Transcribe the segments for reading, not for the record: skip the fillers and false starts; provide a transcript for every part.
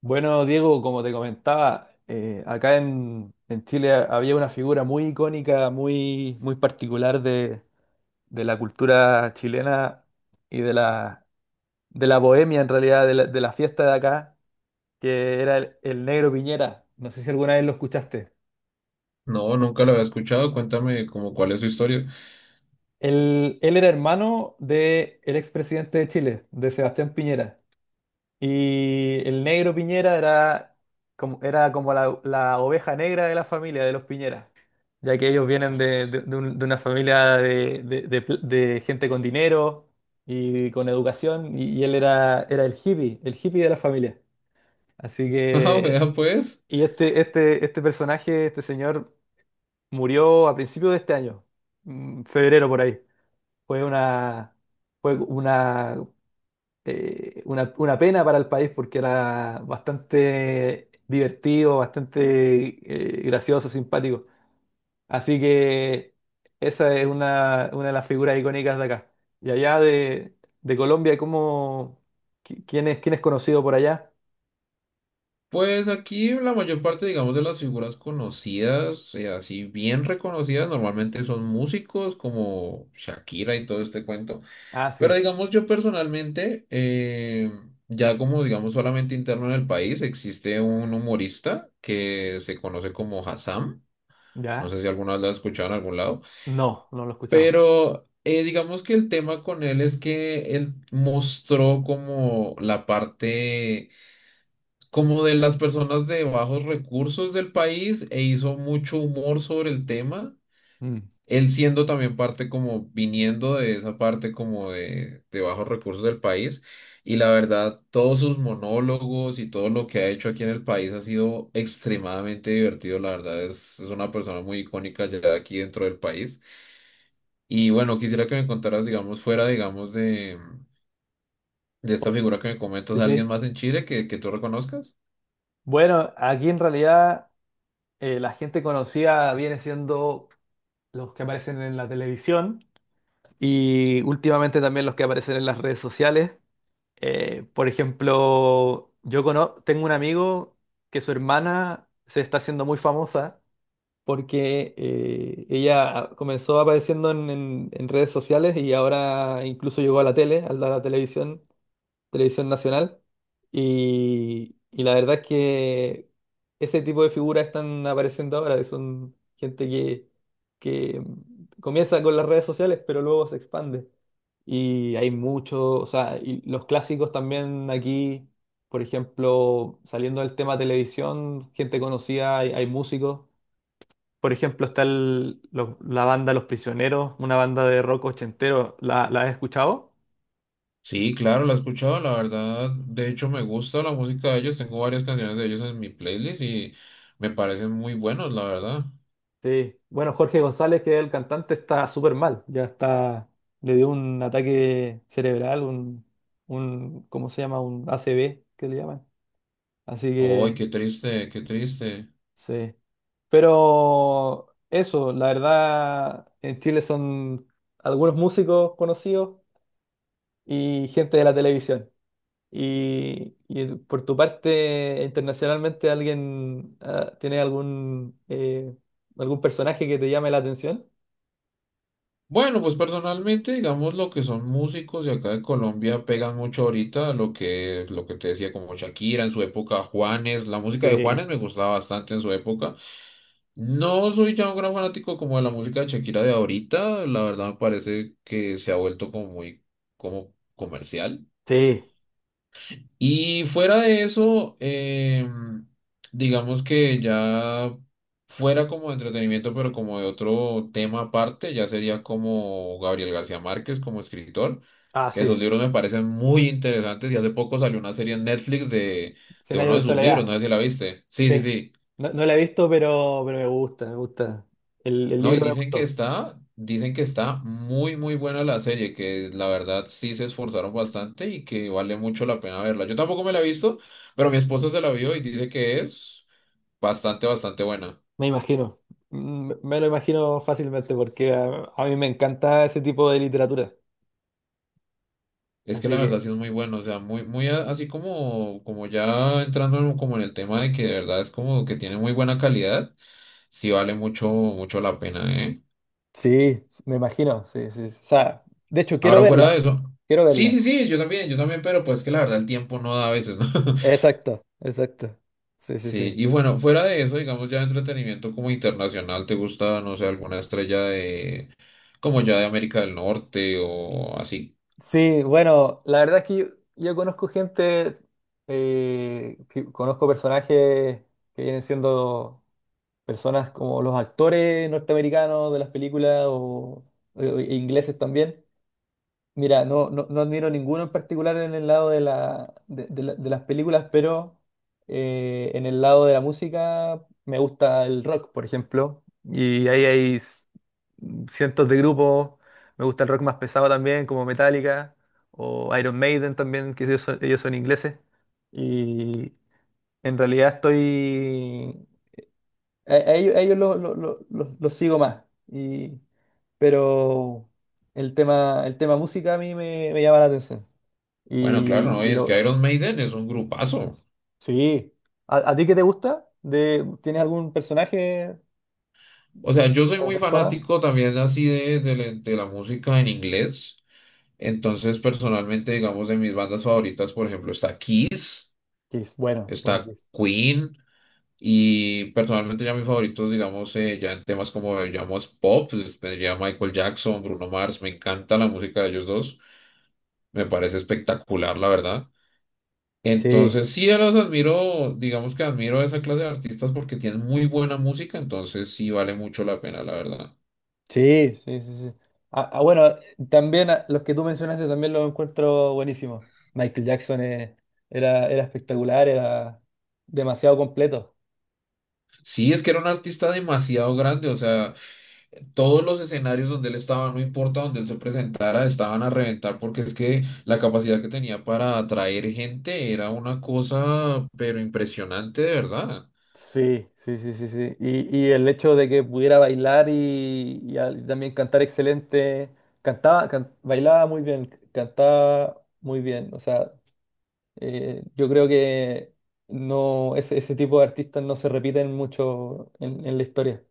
Bueno, Diego, como te comentaba, acá en Chile había una figura muy icónica, muy particular de la cultura chilena y de de la bohemia, en realidad, de de la fiesta de acá, que era el Negro Piñera. No sé si alguna vez lo escuchaste. No, nunca lo había escuchado. Cuéntame como cuál es su historia. Él era hermano del expresidente de Chile, de Sebastián Piñera. Y el Negro Piñera era era como la oveja negra de la familia de los Piñera, ya que ellos vienen de una familia de gente con dinero y con educación, y él era el hippie de la familia. Así Ah, que, vea pues. y este personaje, este señor, murió a principios de este año, febrero por ahí. Fue una, Fue una una pena para el país porque era bastante divertido, bastante gracioso, simpático. Así que esa es una de las figuras icónicas de acá. Y allá de Colombia, ¿ quién es conocido por allá? Pues aquí la mayor parte, digamos, de las figuras conocidas, así bien reconocidas, normalmente son músicos como Shakira y todo este cuento. Ah, sí. Pero digamos, yo personalmente, ya como digamos solamente interno en el país, existe un humorista que se conoce como Hassam. No ¿Ya? sé si alguna vez lo has escuchado en algún lado. No, no lo he escuchado. Pero digamos que el tema con él es que él mostró como la parte como de las personas de bajos recursos del país e hizo mucho humor sobre el tema. Mm. Él siendo también parte como viniendo de esa parte como de bajos recursos del país. Y la verdad, todos sus monólogos y todo lo que ha hecho aquí en el país ha sido extremadamente divertido. La verdad, es una persona muy icónica ya aquí dentro del país. Y bueno, quisiera que me contaras, digamos, fuera, digamos, de esta Oh. figura que me comentas, Sí, alguien sí. más en Chile que tú reconozcas. Bueno, aquí en realidad la gente conocida viene siendo los que aparecen en la televisión. Y últimamente también los que aparecen en las redes sociales. Por ejemplo, tengo un amigo que su hermana se está haciendo muy famosa porque ella comenzó apareciendo en redes sociales y ahora incluso llegó a la tele, a la televisión. Televisión Nacional. Y la verdad es que ese tipo de figuras están apareciendo ahora, que son gente que comienza con las redes sociales, pero luego se expande. Y hay muchos, o sea, y los clásicos también aquí, por ejemplo, saliendo del tema televisión, gente conocida, hay músicos. Por ejemplo, está la banda Los Prisioneros, una banda de rock ochentero. ¿ La has escuchado? Sí, claro, la he escuchado, la verdad. De hecho, me gusta la música de ellos. Tengo varias canciones de ellos en mi playlist y me parecen muy buenos, la verdad. Sí, bueno, Jorge González, que es el cantante, está súper mal, ya está, le dio un ataque cerebral, ¿cómo se llama? Un ACV, que le llaman. Así Ay, que, qué triste, qué triste. sí. Pero eso, la verdad, en Chile son algunos músicos conocidos y gente de la televisión. Y por tu parte, internacionalmente, ¿alguien tiene algún, algún personaje que te llame la atención? Bueno, pues personalmente, digamos, lo que son músicos de acá de Colombia pegan mucho ahorita, lo que te decía, como Shakira en su época, Juanes, la música de Sí, Juanes me gustaba bastante en su época. No soy ya un gran fanático como de la música de Shakira de ahorita, la verdad me parece que se ha vuelto como muy como comercial. sí. Y fuera de eso, digamos que ya fuera como de entretenimiento, pero como de otro tema aparte, ya sería como Gabriel García Márquez como escritor, Ah, que sus sí, libros me parecen muy interesantes y hace poco salió una serie en Netflix de Cien años uno de de sus libros, no soledad. sé si la viste. Sí, Sí. sí, sí. No, no la he visto, pero me gusta, me gusta. El No, y libro me gustó, dicen que está muy, muy buena la serie, que la verdad sí se esforzaron bastante y que vale mucho la pena verla. Yo tampoco me la he visto, pero mi esposa se la vio y dice que es bastante, bastante buena. me imagino. Mm, me lo imagino fácilmente porque a mí me encanta ese tipo de literatura. Es que la Así que verdad sí es muy bueno, o sea, muy, muy así como, como ya como en el tema de que de verdad es como que tiene muy buena calidad, sí vale mucho, mucho la pena, ¿eh? sí, me imagino, sí, sí. O sea, de hecho, quiero Ahora verla, fuera de eso. quiero Sí, verla. sí, sí, yo también, pero pues que la verdad el tiempo no da a veces, ¿no? Exacto, exacto. Sí, sí, sí. Sí, y bueno, fuera de eso, digamos ya de entretenimiento como internacional, ¿te gusta, no sé, alguna estrella de, como ya de América del Norte o así? Sí, bueno, la verdad es que yo conozco gente, conozco personajes que vienen siendo personas como los actores norteamericanos de las películas o ingleses también. Mira, no, no, no admiro ninguno en particular en el lado de, la, de las películas, pero en el lado de la música me gusta el rock, por ejemplo, y ahí hay cientos de grupos. Me gusta el rock más pesado también, como Metallica o Iron Maiden también, que ellos son ingleses. Y en realidad estoy a ellos, los sigo más. Y, pero el tema música me llama la atención. Bueno, claro, no, y Y es que lo, Iron Maiden es un grupazo. sí. A ti qué te gusta? De, ¿tienes algún personaje O sea, yo soy o muy persona? fanático también así la de la música en inglés. Entonces, personalmente, digamos, de mis bandas favoritas, por ejemplo, está Kiss, Que es bueno, bueno que está es. Queen. Y personalmente ya mis favoritos, digamos, ya en temas como llamamos pop, pues, tendría Michael Jackson, Bruno Mars, me encanta la música de ellos dos, me parece espectacular, la verdad. Sí, Entonces, sí, yo los admiro, digamos que admiro a esa clase de artistas porque tienen muy buena música, entonces sí vale mucho la pena, la verdad. sí, sí, sí, sí. Ah, ah, bueno, también ah, los que tú mencionaste también los encuentro buenísimos. Michael Jackson era, era espectacular, era demasiado completo. Sí, es que era un artista demasiado grande, o sea, todos los escenarios donde él estaba, no importa donde él se presentara, estaban a reventar porque es que la capacidad que tenía para atraer gente era una cosa, pero impresionante de verdad. Sí, sí, sí, sí, sí. Y el hecho de que pudiera bailar y también cantar excelente, bailaba muy bien, cantaba muy bien. O sea, yo creo que no, ese tipo de artistas no se repiten mucho en la historia.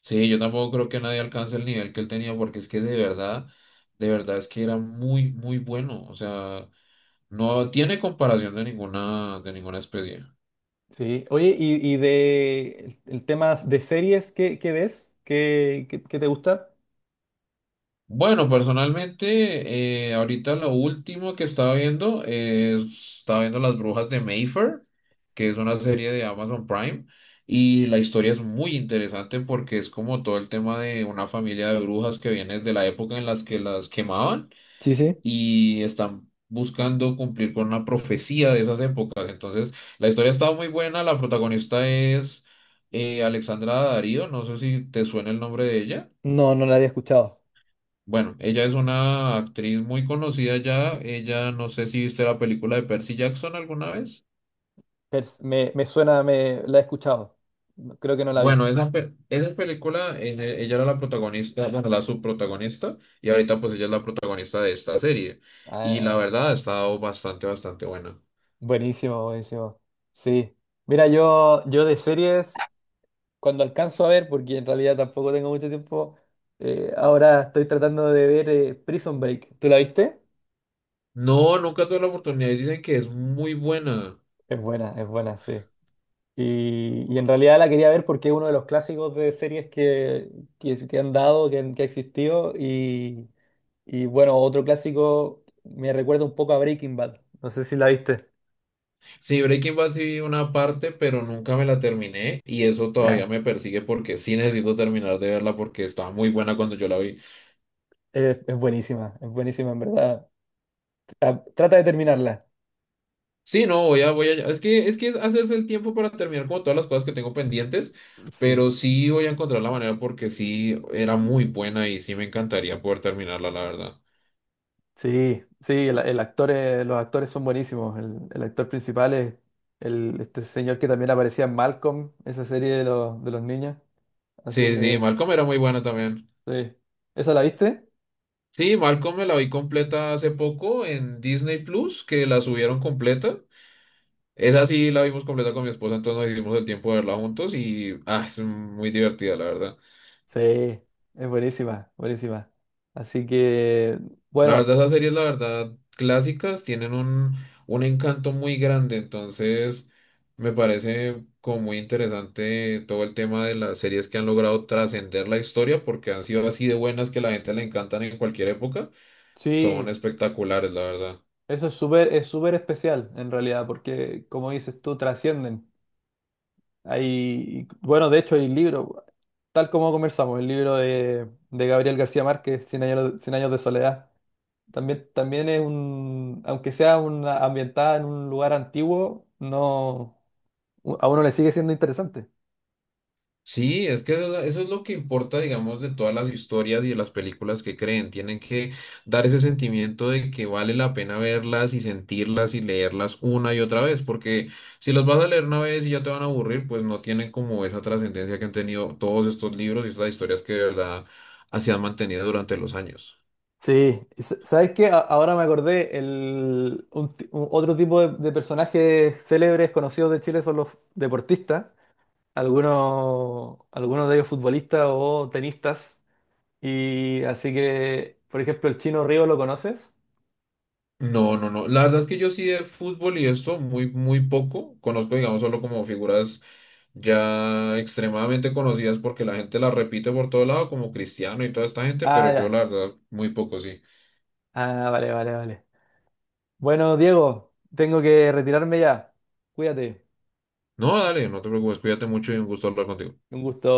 Sí, yo tampoco creo que nadie alcance el nivel que él tenía porque es que de verdad es que era muy, muy bueno. O sea, no tiene comparación de ninguna especie. Sí. Oye, y de el tema de series, ¿qué ves? ¿Qué te gusta? Bueno, personalmente, ahorita lo último que estaba viendo estaba viendo Las Brujas de Mayfair, que es una serie de Amazon Prime, y la historia es muy interesante porque es como todo el tema de una familia de brujas que viene de la época en las que las quemaban Sí, sí. y están buscando cumplir con una profecía de esas épocas. Entonces, la historia estaba muy buena, la protagonista es Alexandra Darío, no sé si te suena el nombre de ella. No, no la había escuchado. Bueno, ella es una actriz muy conocida ya. Ella, no sé si viste la película de Percy Jackson alguna vez. Me suena, me la he escuchado. Creo que no la vi. Bueno, esa película, ella era la protagonista, bueno, la subprotagonista, y ahorita pues ella es la protagonista de esta serie. Y la Ah. verdad ha estado bastante, bastante buena. Buenísimo, buenísimo. Sí. Mira, yo de series, cuando alcanzo a ver, porque en realidad tampoco tengo mucho tiempo, ahora estoy tratando de ver Prison Break. ¿Tú la viste? No, nunca tuve la oportunidad y dicen que es muy buena. Es buena, sí. Y en realidad la quería ver porque es uno de los clásicos de series que han dado, que ha existido. Y bueno, otro clásico me recuerda un poco a Breaking Bad. No sé si la viste. Sí, Breaking Bad sí vi una parte, pero nunca me la terminé y eso todavía Ya. me persigue porque sí necesito terminar de verla porque estaba muy buena cuando yo la vi. Es buenísima en verdad. Ah, trata de terminarla. Sí, no, voy a, es que es hacerse el tiempo para terminar como todas las cosas que tengo pendientes, Sí. pero sí voy a encontrar la manera porque sí era muy buena y sí me encantaría poder terminarla, la verdad. Sí, sí, el actor los actores son buenísimos. El actor principal es el, este señor que también aparecía en Malcolm, esa serie de de los niños. Así Sí, sí, que, Malcolm era muy buena también. sí. ¿Esa la viste? Sí, Malcolm me la vi completa hace poco en Disney Plus, que la subieron completa. Esa sí la vimos completa con mi esposa, entonces nos hicimos el tiempo de verla juntos y ah, es muy divertida, la verdad. Sí, es buenísima, buenísima. Así que, La bueno, verdad, esas series, la verdad, clásicas tienen un encanto muy grande, entonces me parece como muy interesante todo el tema de las series que han logrado trascender la historia porque han sido así de buenas que la gente le encantan en cualquier época, son sí, espectaculares, la verdad. eso es súper especial en realidad, porque como dices tú, trascienden. Hay, bueno, de hecho hay libro, tal como conversamos, el libro de Gabriel García Márquez, Cien años de soledad. También, también es un, aunque sea una ambientada en un lugar antiguo, no, a uno le sigue siendo interesante. Sí, es que eso es lo que importa, digamos, de todas las historias y de las películas que creen. Tienen que dar ese sentimiento de que vale la pena verlas y sentirlas y leerlas una y otra vez, porque si las vas a leer una vez y ya te van a aburrir, pues no tienen como esa trascendencia que han tenido todos estos libros y estas historias que de verdad así han mantenido durante los años. Sí, ¿sabes qué? Ahora me acordé, el, un ti- un- otro tipo de personajes célebres conocidos de Chile son los deportistas, algunos de ellos futbolistas o tenistas, y así que, por ejemplo, el Chino Río, ¿lo conoces? No, no, no. La verdad es que yo sí de fútbol y esto muy, muy poco. Conozco, digamos, solo como figuras ya extremadamente conocidas porque la gente las repite por todo lado, como Cristiano y toda esta gente, Ah, pero yo ya. la verdad muy poco sí. Ah, vale, vale, vale. Bueno, Diego, tengo que retirarme ya. Cuídate. No, dale, no te preocupes, cuídate mucho y un gusto hablar contigo. Un gusto.